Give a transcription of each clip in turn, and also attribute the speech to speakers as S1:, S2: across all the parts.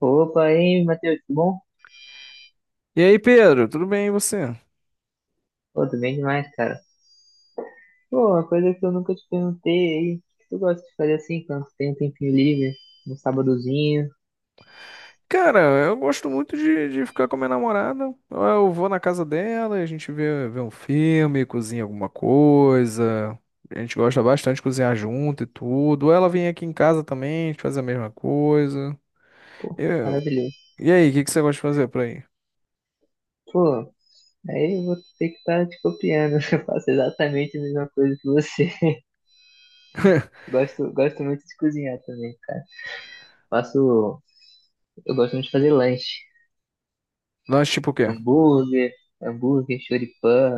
S1: Opa, aí, Matheus, tudo bom?
S2: E aí, Pedro, tudo bem e você?
S1: Pô, tudo bem demais, cara. Pô, uma coisa que eu nunca te perguntei aí, o que tu gosta de fazer assim, quando tu tem um tempinho livre, um sábadozinho?
S2: Cara, eu gosto muito de ficar com a minha namorada. Eu vou na casa dela, a gente vê um filme, cozinha alguma coisa. A gente gosta bastante de cozinhar junto e tudo. Ela vem aqui em casa também, a gente faz a mesma coisa.
S1: Pô,
S2: Eu-
S1: maravilhoso.
S2: E aí, o que que você gosta de fazer por aí?
S1: Pô, aí eu vou ter que estar te copiando, eu faço exatamente a mesma coisa que você. Gosto, gosto muito de cozinhar também, cara. Faço, eu gosto muito de fazer lanche,
S2: Lanche tipo o quê?
S1: hambúrguer, hambúrguer, choripã,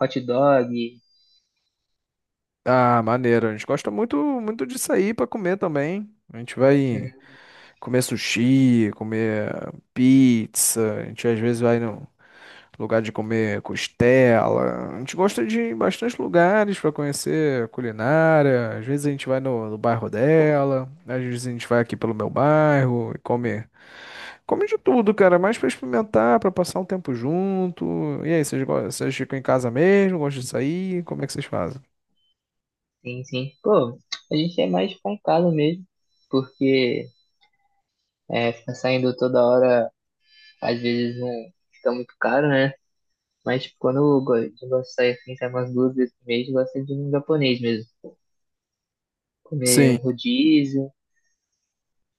S1: hot dog.
S2: Ah, maneiro. A gente gosta muito, muito de sair pra comer também. A gente vai comer sushi, comer pizza. A gente às vezes vai no. Lugar de comer costela. A gente gosta de ir em bastante lugares para conhecer culinária. Às vezes a gente vai no bairro dela, às vezes a gente vai aqui pelo meu bairro e come, come de tudo, cara, mais para experimentar, para passar um tempo junto. E aí, vocês, vocês ficam em casa mesmo? Gostam de sair? Como é que vocês fazem?
S1: Sim, sim. Pô, a gente é mais pancada mesmo, porque é, ficar saindo toda hora, às vezes não fica muito caro, né? Mas tipo, quando eu gosto de sair assim, sai umas duas vezes por mês, eu gosto de ir num japonês mesmo. Comer um
S2: Sim,
S1: rodízio,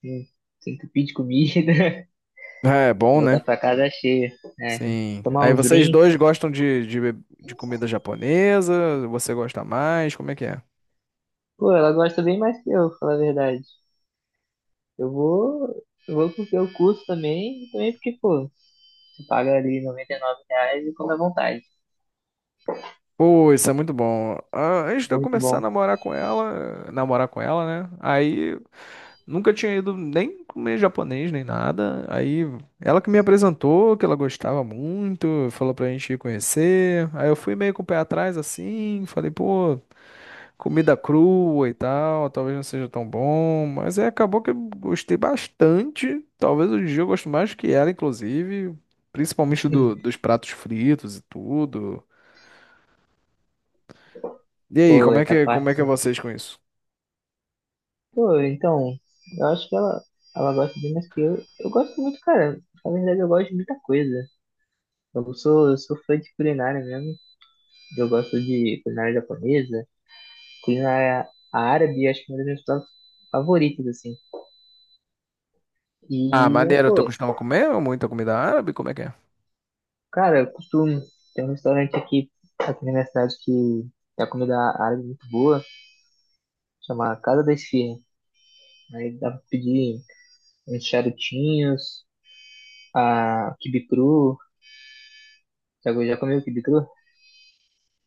S1: um- se entupir de comida,
S2: é bom,
S1: voltar
S2: né?
S1: pra casa cheia, né?
S2: Sim.
S1: Tomar
S2: Aí
S1: uns
S2: vocês
S1: drinks.
S2: dois gostam de de comida japonesa? Você gosta mais? Como é que é?
S1: Pô, ela gosta bem mais que eu, falar a verdade. Eu vou porque eu curso também, e também porque, pô, você paga ali R$99 e come à vontade.
S2: Pô, isso é muito bom. Ah, antes de eu
S1: Muito
S2: começar a
S1: bom.
S2: namorar com ela, né? Aí nunca tinha ido nem comer japonês nem nada. Aí ela que me apresentou, que ela gostava muito, falou pra gente ir conhecer. Aí eu fui meio com o pé atrás assim, falei, pô, comida crua e tal, talvez não seja tão bom, mas aí acabou que eu gostei bastante. Talvez hoje em dia eu gosto mais que ela, inclusive, principalmente dos pratos fritos e tudo. E aí,
S1: Pô, essa
S2: como é que é
S1: parte.
S2: vocês com isso?
S1: Pô, então, eu acho que ela gosta de mais que eu. Eu gosto muito, cara. Na verdade, eu gosto de muita coisa. Eu sou fã de culinária mesmo. Eu gosto de culinária japonesa, culinária árabe, acho que é uma das minhas pratos favoritas, assim.
S2: Ah,
S1: E, é,
S2: maneiro, tu
S1: pô,
S2: costuma comer muita comida árabe? Como é que é?
S1: cara, eu costumo. Tem um restaurante aqui, na minha cidade que é a comida árabe muito boa, chama Casa da Esfirra. Aí dá pra pedir uns charutinhos, a quibe cru. Já, já comeu quibe cru?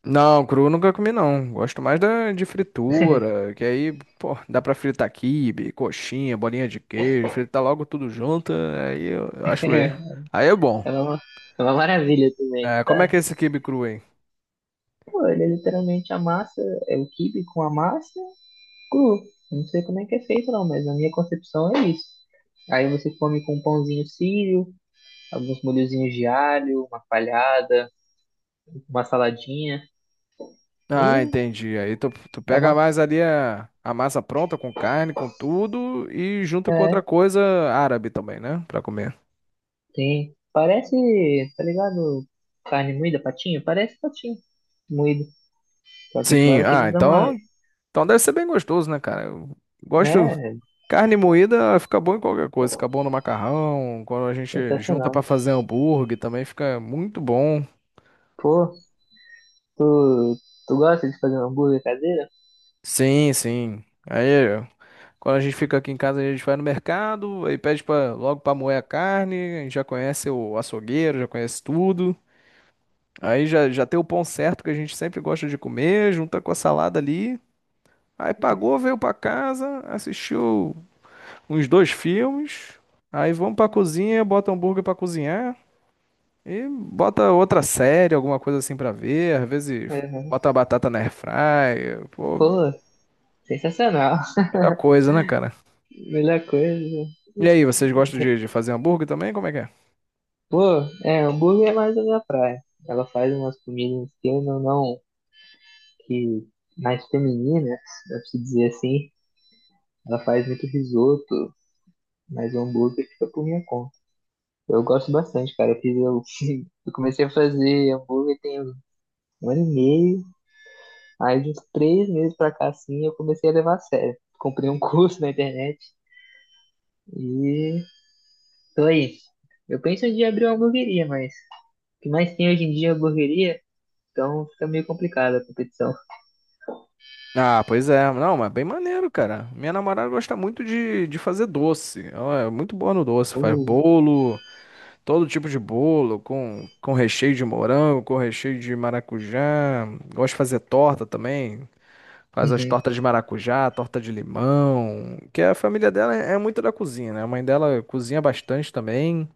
S2: Não, cru nunca comi não. Gosto mais da, de fritura, que aí, pô, dá pra fritar quibe, coxinha, bolinha de queijo, fritar logo tudo junto, aí eu acho bem. Aí é bom.
S1: é, uma, é uma maravilha também,
S2: É,
S1: tá?
S2: como é que é esse quibe cru aí?
S1: Pô, ele é literalmente amassa, é o quibe com a massa cru. Eu não sei como é que é feito não, mas na minha concepção é isso. Aí você come com um pãozinho sírio, alguns molhozinhos de alho, uma palhada, uma saladinha.
S2: Ah,
S1: E
S2: entendi. Aí tu, tu
S1: é
S2: pega
S1: uma.
S2: mais ali a massa pronta com carne, com tudo, e junta com outra
S1: É,
S2: coisa árabe também, né? Pra comer.
S1: tem. Parece, tá ligado? Carne moída, patinho? Parece patinho moído. Só que
S2: Sim,
S1: claro que
S2: ah,
S1: eles dão uma.
S2: então então deve ser bem gostoso, né, cara? Eu gosto.
S1: É,
S2: Carne moída fica bom em qualquer coisa. Fica bom no macarrão. Quando a gente junta pra
S1: sensacional.
S2: fazer hambúrguer também fica muito bom.
S1: Pô, tu gosta de fazer um hambúrguer caseiro?
S2: Sim, sim. Aí, quando a gente fica aqui em casa, a gente vai no mercado, aí pede pra, logo pra moer a carne. A gente já conhece o açougueiro, já conhece tudo. Aí já, já tem o pão certo que a gente sempre gosta de comer, junta com a salada ali. Aí pagou, veio pra casa, assistiu uns dois filmes, aí vamos pra cozinha, bota hambúrguer pra cozinhar e bota outra série, alguma coisa assim pra ver. Às vezes
S1: Uhum.
S2: bota a batata na airfryer, pô,
S1: Pô, sensacional.
S2: muita coisa, né, cara?
S1: Melhor coisa.
S2: E aí, vocês gostam de fazer hambúrguer também? Como é que é?
S1: Pô, é, hambúrguer é mais a minha praia. Ela faz umas comidas que eu não, não que mais femininas, dá pra se dizer assim. Ela faz muito risoto, mas o hambúrguer fica por minha conta. Eu gosto bastante, cara. Eu comecei a fazer hambúrguer tem um ano e meio. Aí de uns 3 meses pra cá assim eu comecei a levar a sério. Comprei um curso na internet e dois. Eu penso em abrir uma hamburgueria, mas o que mais tem hoje em dia é hamburgueria, então fica meio complicada a competição.
S2: Ah, pois é. Não, mas bem maneiro, cara. Minha namorada gosta muito de fazer doce. Ela é muito boa no doce. Faz
S1: Uh,
S2: bolo, todo tipo de bolo, com recheio de morango, com recheio de maracujá. Gosta de fazer torta também. Faz as
S1: uhum.
S2: tortas de maracujá, torta de limão, que a família dela é muito da cozinha, né? A mãe dela cozinha bastante também.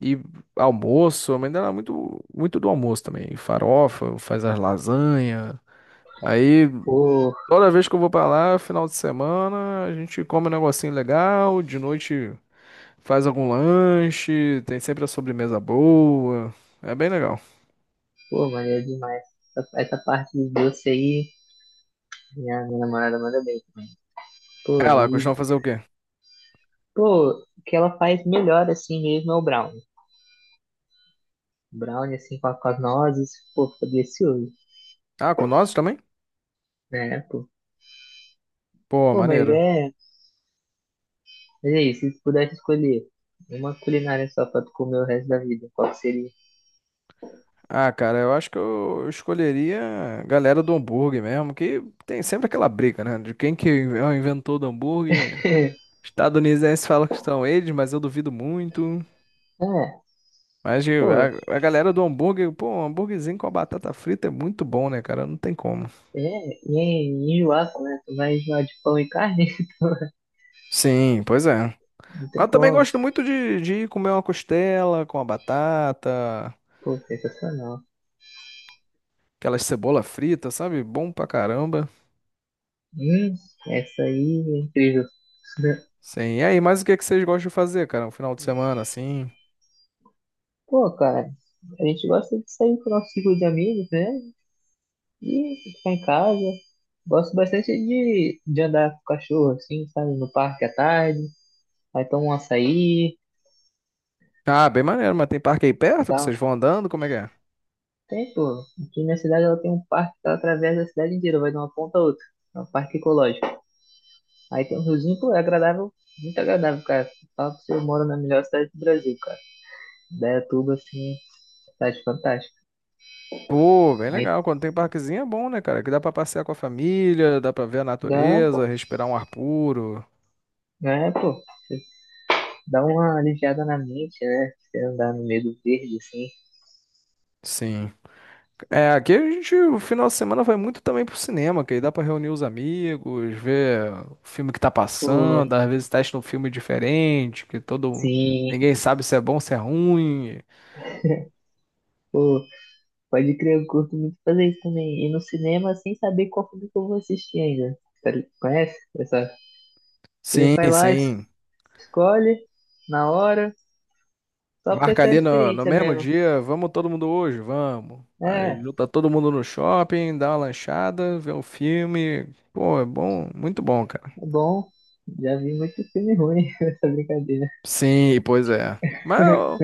S2: E almoço, a mãe dela é muito, muito do almoço também. E farofa, faz as lasanha. Aí,
S1: Pô,
S2: toda vez que eu vou pra lá, final de semana, a gente come um negocinho legal, de noite faz algum lanche, tem sempre a sobremesa boa. É bem legal.
S1: pô, maneiro demais. Essa parte do doce aí, minha namorada manda bem também. Pô,
S2: Ela
S1: e,
S2: costuma fazer o quê?
S1: pô, o que ela faz melhor assim mesmo é o brownie. Brownie assim com, com as nozes, pô, fica delicioso,
S2: Ah, com nós também?
S1: né, pô.
S2: Pô,
S1: Pô, mas
S2: maneiro.
S1: é, mas é isso, se tu pudesse escolher uma culinária só pra tu comer o resto da vida, qual que seria?
S2: Ah, cara, eu acho que eu escolheria a galera do hambúrguer mesmo, que tem sempre aquela briga, né? De quem que é o inventor do hambúrguer. Estadunidenses fala que são eles, mas eu duvido muito.
S1: É, pô,
S2: A, a galera do hambúrguer, pô, um hambúrguerzinho com a batata frita é muito bom, né, cara? Não tem como.
S1: é, e é enjoaça, né? Tu vai enjoar de pão e carne?
S2: Sim, pois é.
S1: Não
S2: Mas
S1: tem
S2: eu também
S1: como.
S2: gosto muito de ir comer uma costela com a batata,
S1: Pô, sensacional.
S2: aquelas cebola frita, sabe? Bom pra caramba.
S1: Hum, essa aí é incrível.
S2: Sim, e aí, mas o que que vocês gostam de fazer, cara? Um final de semana assim?
S1: Pô, cara, a gente gosta de sair com o nosso ciclo de amigos, né? E ficar em casa. Gosto bastante de andar com o cachorro, assim, sabe? No parque à tarde. Aí toma um açaí.
S2: Ah, bem maneiro, mas tem parque aí perto que
S1: Dá um...
S2: vocês vão andando? Como é que é?
S1: Tem, pô. Aqui na cidade ela tem um parque que ela atravessa a cidade inteira, vai de uma ponta a outra. É um parque ecológico. Aí tem um riozinho, pô, é agradável, muito agradável, cara. Fala pra você, eu moro na melhor cidade do Brasil, cara. Indaiatuba, assim, cidade fantástica.
S2: Pô, bem
S1: Aí
S2: legal. Quando tem parquezinho é bom, né, cara? Que dá pra passear com a família, dá pra ver a
S1: dá,
S2: natureza, respirar um ar puro.
S1: né, pô, você dá uma aliviada na mente, né? Você andar no meio do verde, assim,
S2: Sim. É, aqui a gente, o final de semana vai muito também pro cinema, que aí dá pra reunir os amigos, ver o filme que tá
S1: pô,
S2: passando, às vezes testa um filme diferente, que todo...
S1: sim,
S2: Ninguém sabe se é bom, se é ruim.
S1: pô, pode crer, eu curto muito fazer isso também. Ir no cinema sem saber qual filme que eu vou assistir ainda. Conhece? Essa, você
S2: Sim,
S1: vai lá,
S2: sim.
S1: escolhe, na hora, só pra
S2: Marca
S1: ter a
S2: ali no
S1: experiência
S2: mesmo
S1: mesmo.
S2: dia, vamos todo mundo hoje, vamos. Aí
S1: É.
S2: junta todo mundo no shopping, dá uma lanchada, vê um filme. Pô, é bom, muito bom, cara.
S1: É bom. Já vi muito filme ruim nessa brincadeira.
S2: Sim, pois é.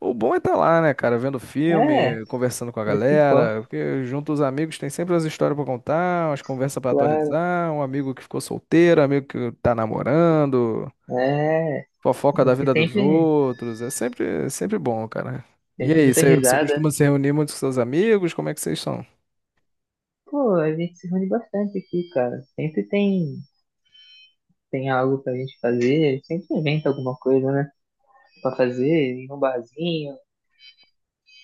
S2: O bom é estar lá, né, cara, vendo
S1: É,
S2: filme,
S1: é
S2: conversando com a
S1: isso que importa,
S2: galera, porque junto os amigos tem sempre as histórias pra contar, umas conversas pra
S1: claro.
S2: atualizar, um amigo que ficou solteiro, um amigo que tá namorando.
S1: É,
S2: Fofoca
S1: é
S2: da
S1: que
S2: vida dos
S1: sempre,
S2: outros. É sempre bom, cara. E
S1: sempre
S2: aí,
S1: muita
S2: você
S1: risada.
S2: costuma se reunir muito com seus amigos? Como é que vocês são?
S1: Pô, a gente se reúne bastante aqui, cara. Sempre tem algo pra gente fazer, sempre inventa alguma coisa, né? Pra fazer, ir num barzinho.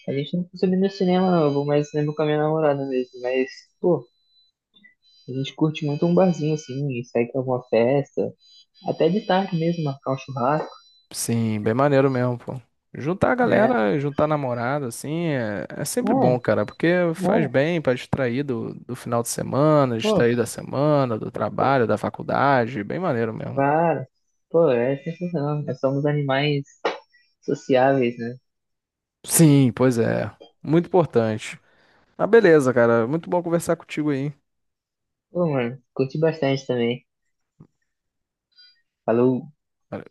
S1: A gente não costuma ir no cinema, não. Eu vou mais no cinema com a minha namorada mesmo. Mas, pô, a gente curte muito um barzinho assim, e sai pra alguma festa. Até de tarde mesmo, marcar um churrasco,
S2: Sim, bem maneiro mesmo, pô. Juntar a
S1: né?
S2: galera, juntar namorada, assim, é, é sempre bom,
S1: É,
S2: cara, porque faz
S1: é,
S2: bem pra distrair do final de semana,
S1: pô.
S2: distrair da semana, do trabalho, da faculdade, bem maneiro mesmo.
S1: Claro. Pô, é sensacional. Nós somos animais sociáveis, né?
S2: Sim, pois é, muito importante. Ah, beleza, cara, muito bom conversar contigo aí.
S1: Pô, mano, curti bastante também. Falou.